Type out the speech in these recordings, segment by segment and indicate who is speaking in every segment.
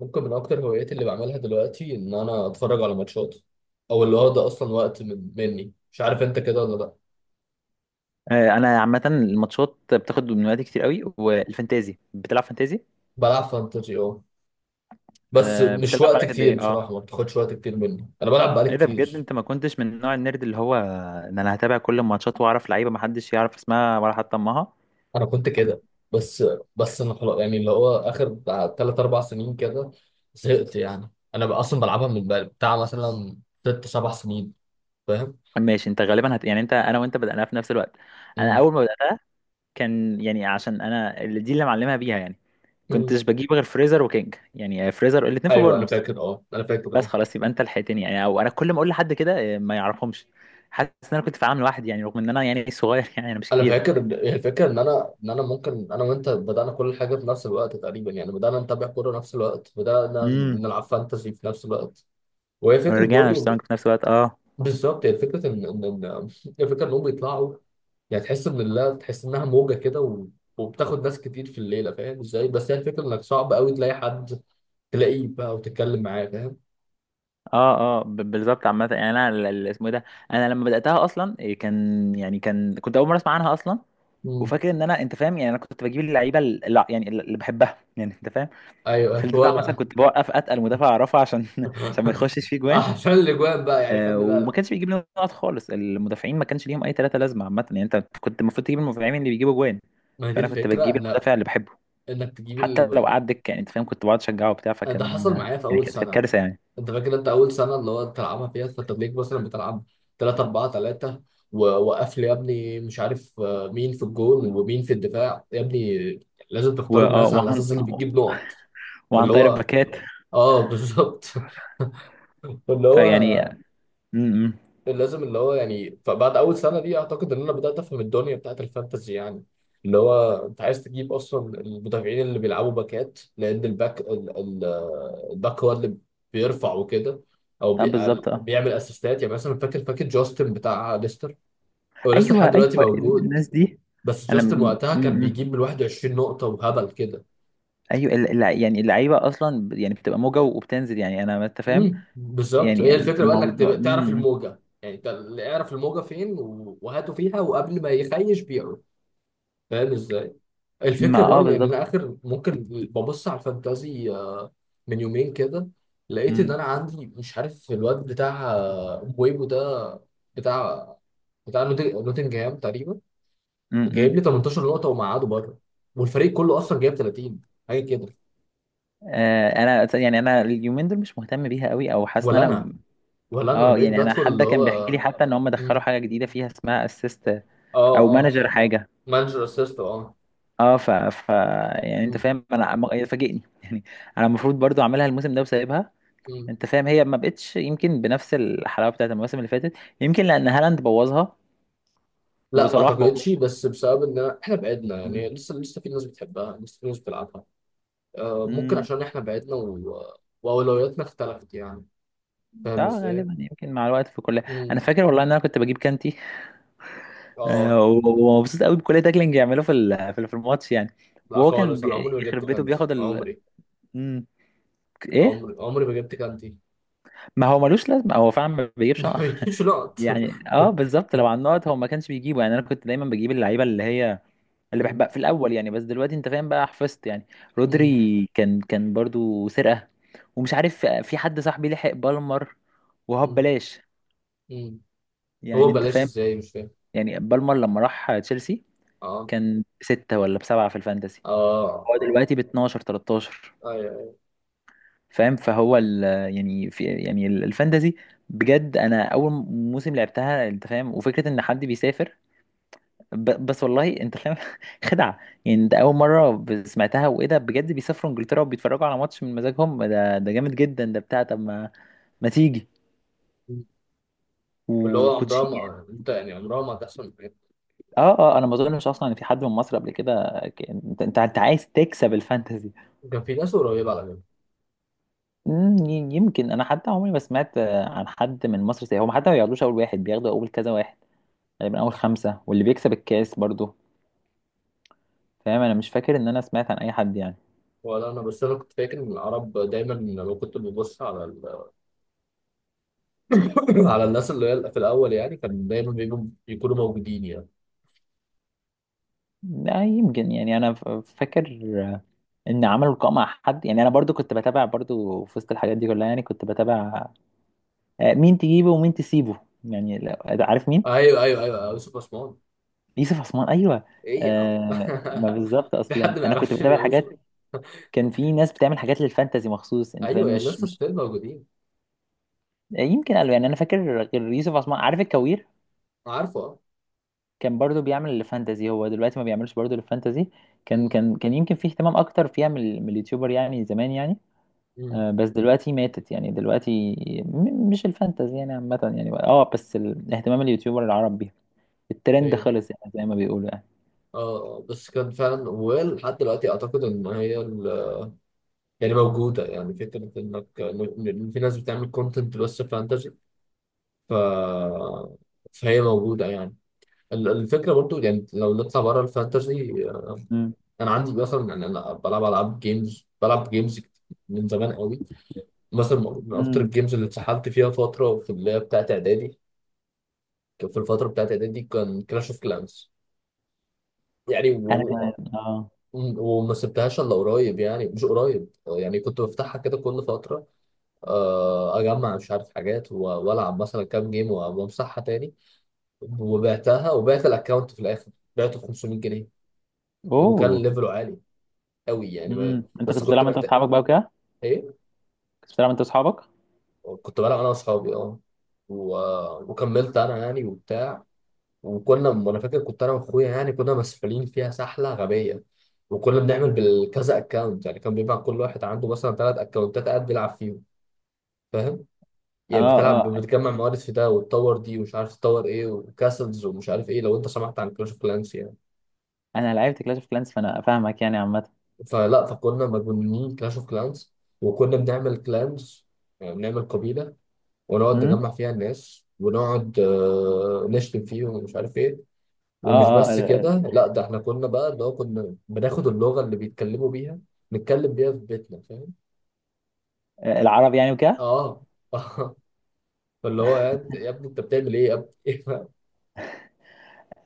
Speaker 1: ممكن من اكتر هواياتي اللي بعملها دلوقتي ان انا اتفرج على ماتشات، او اللي هو ده اصلا وقت مني، مش عارف انت كده ولا لا.
Speaker 2: آه، انا عامه الماتشات بتاخد من وقتي كتير قوي والفانتازي، بتلعب فانتازي.
Speaker 1: بلعب فانتزي اه. بس
Speaker 2: آه،
Speaker 1: مش
Speaker 2: بتلعب
Speaker 1: وقت
Speaker 2: بالك قد
Speaker 1: كتير
Speaker 2: ايه؟ اه
Speaker 1: بصراحه، ما بتاخدش وقت كتير مني، انا بلعب بقالي
Speaker 2: ايه ده بجد،
Speaker 1: كتير.
Speaker 2: انت ما كنتش من نوع النيرد اللي هو ان انا هتابع كل الماتشات واعرف لعيبه ما حدش يعرف اسمها ولا حتى امها.
Speaker 1: انا كنت كده. بس بس انا خلاص يعني اللي هو اخر بتاع تلات اربع سنين كده، زهقت يعني، انا بقى اصلا بلعبها من بتاع مثلا ست سبع سنين. فاهم؟
Speaker 2: ماشي، انت غالبا يعني انت، انا وانت بدأنا في نفس الوقت. انا
Speaker 1: امم.
Speaker 2: اول ما بدأت كان يعني عشان انا اللي دي اللي معلمها بيها، يعني
Speaker 1: أمم.
Speaker 2: كنتش بجيب غير فريزر وكينج، يعني فريزر الاثنين في
Speaker 1: ايوه انا
Speaker 2: بورنموث.
Speaker 1: فاكر اه، انا فاكر
Speaker 2: بس
Speaker 1: اه.
Speaker 2: خلاص، يبقى انت لحقتني يعني، او انا كل ما اقول لحد كده آه، ما يعرفهمش. حاسس ان انا كنت في عام لوحدي يعني، رغم ان انا يعني صغير يعني انا مش
Speaker 1: انا
Speaker 2: كبير.
Speaker 1: فاكر الفكره، ان انا ممكن انا وانت بدانا كل حاجه في نفس الوقت تقريبا، يعني بدانا نتابع كوره نفس الوقت، بدانا
Speaker 2: امم
Speaker 1: نلعب فانتسي في نفس الوقت. وهي فكره
Speaker 2: ورجعنا
Speaker 1: برضو
Speaker 2: اشتغلنا في نفس الوقت. اه
Speaker 1: بالظبط. هي فكره انهم بيطلعوا يعني، تحس ان لا تحس انها موجه كده وبتاخد ناس كتير في الليله. فاهم ازاي؟ بس هي الفكره انك صعب قوي تلاقي حد، تلاقيه بقى وتتكلم معاه. فاهم؟
Speaker 2: اه اه، بالظبط. عامة يعني انا، اسمه ايه ده، انا لما بدأتها اصلا كان يعني، كنت اول مرة اسمع عنها اصلا.
Speaker 1: مم.
Speaker 2: وفاكر ان انا، انت فاهم، يعني انا كنت بجيب اللعيبة اللي يعني اللي بحبها، يعني انت فاهم.
Speaker 1: ايوه
Speaker 2: في
Speaker 1: ايوه
Speaker 2: الدفاع مثلا
Speaker 1: وانا.
Speaker 2: كنت بوقف اتقل مدافع اعرفه عشان عشان ما يخشش فيه جوان.
Speaker 1: عشان الاجوان بقى يعني،
Speaker 2: آه،
Speaker 1: خلي
Speaker 2: وما
Speaker 1: بالك.
Speaker 2: كانش بيجيب لنا نقط خالص، المدافعين ما كانش ليهم اي ثلاثة لازمة. عامة يعني انت كنت المفروض تجيب المدافعين اللي بيجيبوا جوان،
Speaker 1: ما هي دي
Speaker 2: فانا كنت
Speaker 1: الفكره
Speaker 2: بجيب
Speaker 1: ان
Speaker 2: المدافع اللي بحبه،
Speaker 1: انك تجيب
Speaker 2: حتى لو قعد دكة. يعني انت فاهم، كنت بقعد اشجعه وبتاع،
Speaker 1: ده
Speaker 2: فكان
Speaker 1: حصل معايا في
Speaker 2: يعني
Speaker 1: اول
Speaker 2: كانت
Speaker 1: سنه.
Speaker 2: كارثة يعني.
Speaker 1: انت فاكر انت اول سنه اللي هو بتلعبها فيها فترليك مثلا بتلعب 3 4 3، ووقف لي يا ابني مش عارف مين في الجول ومين في الدفاع يا ابني. لازم تختار الناس على
Speaker 2: وعن،
Speaker 1: اساس اللي بتجيب نقط.
Speaker 2: وعن
Speaker 1: فاللي
Speaker 2: طريق
Speaker 1: هو
Speaker 2: الباكات.
Speaker 1: اه، بالظبط. فاللي
Speaker 2: فيعني
Speaker 1: هو
Speaker 2: م- م.
Speaker 1: لازم اللي هو يعني. فبعد اول سنه دي اعتقد ان انا بدات افهم الدنيا بتاعت الفانتزي يعني، اللي هو انت عايز تجيب اصلا المدافعين اللي بيلعبوا باكات، لان الباك الباك هو اللي بيرفع وكده، او
Speaker 2: اه بالظبط. اه
Speaker 1: بيعمل اسيستات. يعني مثلا فاكر فاكر جاستن بتاع ليستر، هو لسه
Speaker 2: ايوه
Speaker 1: لحد دلوقتي
Speaker 2: ايوه،
Speaker 1: موجود.
Speaker 2: الناس دي.
Speaker 1: بس
Speaker 2: انا
Speaker 1: جاستن
Speaker 2: م-
Speaker 1: وقتها كان
Speaker 2: م- م.
Speaker 1: بيجيب من 21 نقطه وهبل كده.
Speaker 2: ايوه، يعني اللعيبه اصلا يعني بتبقى موجه وبتنزل يعني انا، ما انت فاهم.
Speaker 1: بالظبط. هي
Speaker 2: يعني
Speaker 1: الفكره بقى انك
Speaker 2: الموضوع
Speaker 1: تعرف
Speaker 2: م- م.
Speaker 1: الموجه، يعني اعرف الموجه فين وهاته فيها وقبل ما يخيش بيعه. فاهم ازاي؟
Speaker 2: ما،
Speaker 1: الفكره برضه يعني
Speaker 2: بالظبط.
Speaker 1: انا اخر ممكن ببص على الفانتازي من يومين كده، لقيت ان
Speaker 2: م-
Speaker 1: انا عندي مش عارف الواد بتاع بويبو ده، بتاع نوتنجهام تقريبا،
Speaker 2: م-
Speaker 1: جايب
Speaker 2: م.
Speaker 1: لي 18 نقطه ومقعده بره، والفريق كله اصلا جايب 30 حاجه كده.
Speaker 2: آه، انا أصلاً يعني انا اليومين دول مش مهتم بيها قوي، او حاسس ان
Speaker 1: ولا
Speaker 2: انا
Speaker 1: انا. ولا انا
Speaker 2: اه.
Speaker 1: بقيت
Speaker 2: يعني انا
Speaker 1: بدخل
Speaker 2: حد
Speaker 1: اللي
Speaker 2: كان بيحكي لي
Speaker 1: هو.
Speaker 2: حتى ان هم دخلوا
Speaker 1: مم.
Speaker 2: حاجه جديده فيها اسمها اسيست،
Speaker 1: اه
Speaker 2: او
Speaker 1: اه.
Speaker 2: مانجر حاجه.
Speaker 1: مانجر اسيست اه.
Speaker 2: اه ف... ف يعني انت
Speaker 1: مم.
Speaker 2: فاهم، انا هي فاجئني يعني. انا المفروض برضو اعملها الموسم ده وسايبها،
Speaker 1: مم.
Speaker 2: انت فاهم، هي ما بقتش يمكن بنفس الحلاوه بتاعت المواسم اللي فاتت، يمكن لان هالاند بوظها،
Speaker 1: لا ما
Speaker 2: وصلاح بوظها.
Speaker 1: اعتقدش، بس بسبب ان احنا بعدنا
Speaker 2: مم.
Speaker 1: يعني، لسه في ناس بتحبها، لسه في ناس بتلعبها. ممكن
Speaker 2: مم.
Speaker 1: عشان احنا بعدنا واولوياتنا اختلفت يعني. فاهم
Speaker 2: اه
Speaker 1: ازاي؟
Speaker 2: غالبا، يمكن مع الوقت في كل. انا
Speaker 1: امم.
Speaker 2: فاكر والله ان انا كنت بجيب كانتي،
Speaker 1: اه.
Speaker 2: آه، ومبسوط قوي بكل تاكلينج يعمله في في الماتش يعني.
Speaker 1: لا
Speaker 2: وهو كان
Speaker 1: خالص، انا عمري ما جبت
Speaker 2: يخرب بيته
Speaker 1: كانتي.
Speaker 2: بياخد ال.
Speaker 1: عمري
Speaker 2: مم. ايه.
Speaker 1: عمري عمري ما جبت كانتي.
Speaker 2: ما هو ملوش لازمه، هو فعلا ما بيجيبش
Speaker 1: ما بيجيش لقط.
Speaker 2: يعني، اه بالظبط. لو على النقط هو ما كانش بيجيبه، يعني انا كنت دايما بجيب اللعيبه اللي هي اللي
Speaker 1: مم،
Speaker 2: بحبها في الاول يعني، بس دلوقتي انت فاهم بقى حفظت يعني.
Speaker 1: مم،
Speaker 2: رودري كان برضو سرقه، ومش عارف في حد صاحبي لحق بالمر، وهو
Speaker 1: مم،
Speaker 2: ببلاش.
Speaker 1: مم.
Speaker 2: يعني
Speaker 1: هو
Speaker 2: انت
Speaker 1: بلاش
Speaker 2: فاهم،
Speaker 1: ازاي؟ مش فاهم.
Speaker 2: يعني بالمر لما راح تشيلسي
Speaker 1: اه
Speaker 2: كان بستة ولا بسبعة في الفانتسي،
Speaker 1: اه
Speaker 2: هو
Speaker 1: اه
Speaker 2: دلوقتي ب 12 13.
Speaker 1: ايوه أيوة.
Speaker 2: فاهم، فهو ال، يعني في يعني الفانتسي، بجد انا اول موسم لعبتها، انت فاهم، وفكره ان حد بيسافر، بس والله انت فاهم خدعه، يعني ده اول مره سمعتها، وايه ده بجد، بيسافروا انجلترا وبيتفرجوا على ماتش من مزاجهم، ده ده جامد جدا، ده بتاع، طب ما، ما تيجي
Speaker 1: مم. واللي هو عمرها
Speaker 2: وكوتشيات.
Speaker 1: ما يعني، انت يعني عمرها ما هتحصل معاك.
Speaker 2: اه اه، انا ما اظنش اصلا ان في حد من مصر قبل كده انت، عايز تكسب الفانتزي.
Speaker 1: كان في ناس قريبة على فكرة.
Speaker 2: مم، يمكن انا حتى عمري ما سمعت آه، عن حد من مصر زي هم، حتى ما بياخدوش اول واحد، بياخدوا اول كذا واحد، تقريبا اول خمسه، واللي بيكسب الكاس برضو. فاهم، انا مش فاكر ان انا سمعت عن اي حد يعني.
Speaker 1: ولا انا، بس انا كنت فاكر ان العرب دايما لما كنت ببص على، على الناس اللي هي في الاول يعني، كان دايما بيبقوا يكونوا موجودين يعني.
Speaker 2: لا، يمكن يعني انا فاكر ان عملوا لقاء مع حد يعني، انا برضو كنت بتابع برضو في وسط الحاجات دي كلها، يعني كنت بتابع آه، مين تجيبه ومين تسيبه يعني، عارف مين.
Speaker 1: ايوه ايوه ايوه أيوه، يوسف عثمان.
Speaker 2: يوسف عثمان، ايوه.
Speaker 1: ايه يا عم؟
Speaker 2: آه، ما بالظبط
Speaker 1: في
Speaker 2: اصلا
Speaker 1: حد ما
Speaker 2: انا كنت
Speaker 1: يعرفش
Speaker 2: بتابع حاجات.
Speaker 1: يوسف؟
Speaker 2: كان في ناس بتعمل حاجات للفانتازي مخصوص، انت
Speaker 1: ايوه
Speaker 2: فاهم،
Speaker 1: يعني لسه
Speaker 2: مش
Speaker 1: ستيل موجودين.
Speaker 2: آه، يمكن قالوا يعني، انا فاكر غير يوسف عثمان، عارف الكوير،
Speaker 1: عارفه اه.
Speaker 2: كان برضو بيعمل للفانتازي، هو دلوقتي ما بيعملش برضو للفانتازي.
Speaker 1: أمم،
Speaker 2: كان يمكن في اهتمام اكتر فيها من من اليوتيوبر يعني زمان يعني.
Speaker 1: أمم،
Speaker 2: آه، بس دلوقتي ماتت، يعني دلوقتي مش الفانتزي يعني عامة يعني، اه، بس اهتمام اليوتيوبر العرب بيها، الترند
Speaker 1: ايوه
Speaker 2: خلص يعني زي ما بيقولوا يعني.
Speaker 1: اه. بس كان فعلا ولحد دلوقتي اعتقد ان هي يعني موجوده، يعني فكره انك إن في ناس بتعمل كونتنت بس فانتزي. ف فهي موجوده يعني. الفكره برضو يعني لو نطلع بره الفانتزي،
Speaker 2: مم.
Speaker 1: انا عندي مثلا، يعني انا بلعب العاب جيمز، بلعب جيمز من زمان قوي. مثلا من اكتر
Speaker 2: مم.
Speaker 1: الجيمز اللي اتسحلت فيها فتره في اللي هي بتاعت اعدادي، كان في الفتره بتاعت اعدادي كان كلاش اوف كلانس يعني،
Speaker 2: انا كمان اه.
Speaker 1: وما سبتهاش الا قريب، يعني مش قريب يعني، كنت بفتحها كده كل فتره اجمع مش عارف حاجات والعب مثلا كام جيم وامسحها تاني، وبعتها وبعت الاكونت في الاخر، بعته ب 500 جنيه، وكان
Speaker 2: اوه.
Speaker 1: ليفله عالي قوي يعني.
Speaker 2: مم. انت
Speaker 1: بس
Speaker 2: كنت
Speaker 1: كنت
Speaker 2: بتلعب انت
Speaker 1: محتاج.
Speaker 2: واصحابك بقى وكده؟
Speaker 1: إيه؟
Speaker 2: كنت بتلعب انت واصحابك.
Speaker 1: كنت بلعب انا واصحابي اه، و... وكملت انا يعني وبتاع، وكنا، وانا فاكر كنت انا واخويا يعني كنا مسؤولين فيها سحله غبيه، وكنا بنعمل بالكذا اكونت، يعني كان بيبقى كل واحد عنده مثلا ثلاث اكونتات قاعد بيلعب فيهم. فاهم؟ يعني
Speaker 2: اه
Speaker 1: بتلعب،
Speaker 2: اه.
Speaker 1: بتجمع موارد في ده وتطور دي ومش عارف تطور ايه وكاسلز ومش عارف ايه، لو انت سمعت عن كلاش اوف كلانس يعني.
Speaker 2: انا لعبت كلاش اوف كلانس، فانا فاهمك يعني عامة.
Speaker 1: فلا فكنا مجنونين كلاش اوف كلانس، وكنا بنعمل كلانز يعني بنعمل قبيله، ونقعد
Speaker 2: مم.
Speaker 1: نجمع فيها الناس، ونقعد نشتم فيهم ومش عارف ايه.
Speaker 2: اه
Speaker 1: ومش
Speaker 2: اه،
Speaker 1: بس كده، لا، ده احنا كنا بقى اللي هو كنا بناخد اللغة اللي بيتكلموا بيها نتكلم بيها في بيتنا. فاهم؟
Speaker 2: العرب يعني وكده.
Speaker 1: اه. اه. فاللي هو يا يا ابني انت بتعمل ايه يا ابني؟ ايه بقى؟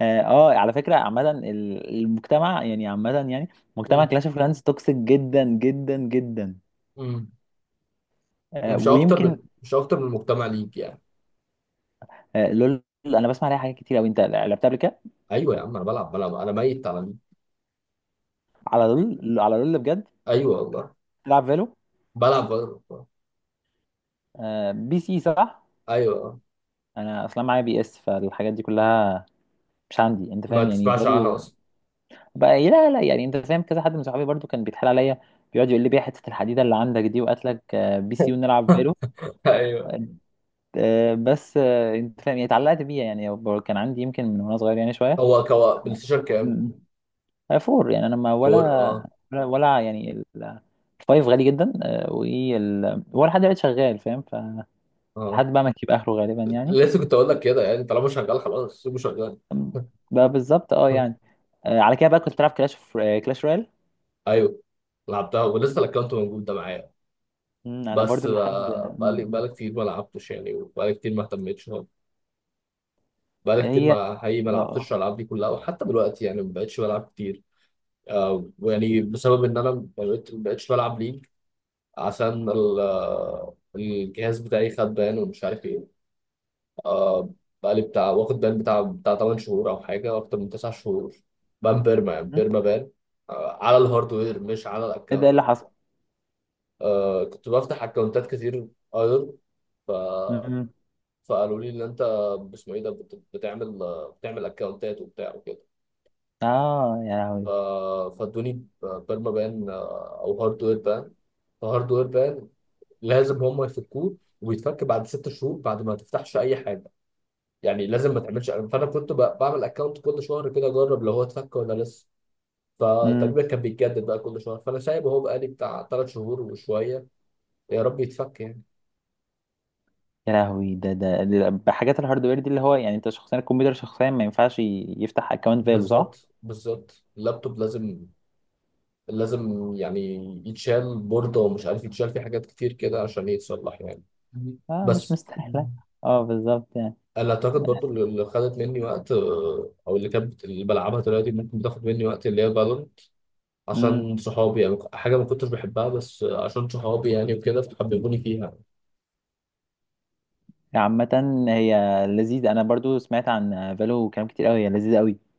Speaker 2: اه آه، على فكرة عامة المجتمع يعني عامة يعني، مجتمع
Speaker 1: مم.
Speaker 2: كلاش اوف كلانس توكسيك جدا جدا جدا.
Speaker 1: مم.
Speaker 2: آه،
Speaker 1: مش اكتر
Speaker 2: ويمكن.
Speaker 1: من مش اكتر من المجتمع ليك يعني.
Speaker 2: آه، لول، انا بسمع عليها حاجات كتير قوي. انت لعبتها قبل كده؟
Speaker 1: ايوه يا عم، انا بلعب انا ميت على ليك.
Speaker 2: على لول، على لول، بجد؟
Speaker 1: ايوه والله.
Speaker 2: تلعب فالو؟
Speaker 1: بلعب.
Speaker 2: آه، بي سي صح؟
Speaker 1: ايوه
Speaker 2: انا اصلا معايا بي اس، فالحاجات دي كلها مش عندي، انت
Speaker 1: ما
Speaker 2: فاهم يعني،
Speaker 1: تسمعش عنها
Speaker 2: فالو
Speaker 1: اصلا.
Speaker 2: بقى إيه؟ لا لا، يعني انت فاهم، كذا حد من صحابي برضو كان بيتحال عليا، بيقعد يقول لي بيها حته الحديده اللي عندك دي، وقاتلك آه، بي سي ونلعب فالو.
Speaker 1: ايوه.
Speaker 2: آه. آه، بس آه، انت فاهم يعني اتعلقت بيها يعني، كان عندي يمكن من وانا صغير يعني شويه.
Speaker 1: هو كوا بلاي ستيشن كام؟
Speaker 2: آه، فور، يعني انا ما،
Speaker 1: 4 اه.
Speaker 2: ولا يعني الفايف غالي جدا، آه، وال، ولا حد قاعد شغال فاهم، فلحد
Speaker 1: اه
Speaker 2: بقى ما يجيب اخره غالبا يعني.
Speaker 1: لسه كنت اقول لك كده، يعني طالما شغال خلاص سيبه شغال.
Speaker 2: أم، بقى بالظبط، اه يعني. آه، على كده بقى كنت بلعب كلاش، كلاش رويال.
Speaker 1: ايوه. لعبتها ولسه الاكونت موجود ده معايا.
Speaker 2: مم، انا
Speaker 1: بس
Speaker 2: برضو لحد.
Speaker 1: بقى-
Speaker 2: مم.
Speaker 1: بقالي
Speaker 2: مم.
Speaker 1: بقالي كتير ما لعبتش يعني، وبقالي كتير ما اهتمتش خالص. بقالي كتير
Speaker 2: هي اه
Speaker 1: ما حقيقي ما لعبتش
Speaker 2: آه.
Speaker 1: الالعاب دي كلها، وحتى دلوقتي يعني ما بقتش بلعب كتير. ويعني بسبب ان انا ما بقتش بلعب ليج، عشان الجهاز بتاعي خد بان ومش عارف ايه. آه، بقالي بتاع واخد بان بتاع 8 شهور او حاجه اكتر من 9 شهور. بان بيرما، يعني
Speaker 2: مم.
Speaker 1: بيرما بان، آه على الهاردوير مش على
Speaker 2: ايه ده، إيه
Speaker 1: الاكونت.
Speaker 2: اللي حصل؟
Speaker 1: آه كنت بفتح اكونتات كتير ايدل. ف
Speaker 2: مم.
Speaker 1: فقالوا لي ان انت باسمه ايه ده بتعمل بتعمل اكونتات وبتاع وكده.
Speaker 2: اه يا
Speaker 1: ف
Speaker 2: لهوي.
Speaker 1: فادوني بيرما بان، او هاردوير بان. فهاردوير بان لازم هم يفكوه، وبيتفك بعد ست شهور بعد ما تفتحش اي حاجه. يعني لازم ما تعملش. فانا كنت بعمل اكونت كل شهر كده، اجرب لو هو اتفك ولا لسه.
Speaker 2: مم.
Speaker 1: فتقريبا كان بيتجدد بقى كل شهر، فانا سايبه اهو بقالي بتاع ثلاث شهور وشويه، يا رب يتفك يعني.
Speaker 2: يا لهوي، بحاجات الهاردوير دي اللي هو، يعني انت شخصيا الكمبيوتر شخصيا ما ينفعش يفتح اكونت فالو صح؟
Speaker 1: بالظبط بالظبط. اللابتوب لازم يعني يتشال بورده، ومش عارف، يتشال في حاجات كتير كده عشان يتصلح يعني.
Speaker 2: اه، مش
Speaker 1: بس
Speaker 2: مستاهله. اه بالظبط يعني.
Speaker 1: انا اعتقد برضو اللي خدت مني وقت او اللي كانت اللي بلعبها دلوقتي، ممكن بتاخد مني وقت. اللي هي
Speaker 2: امم،
Speaker 1: عشان صحابي، يعني حاجة ما كنتش بحبها بس عشان صحابي يعني وكده فحببوني فيها
Speaker 2: عامة هي لذيذة، أنا برضو سمعت عن فالو كلام كتير أوي، هي لذيذة أوي.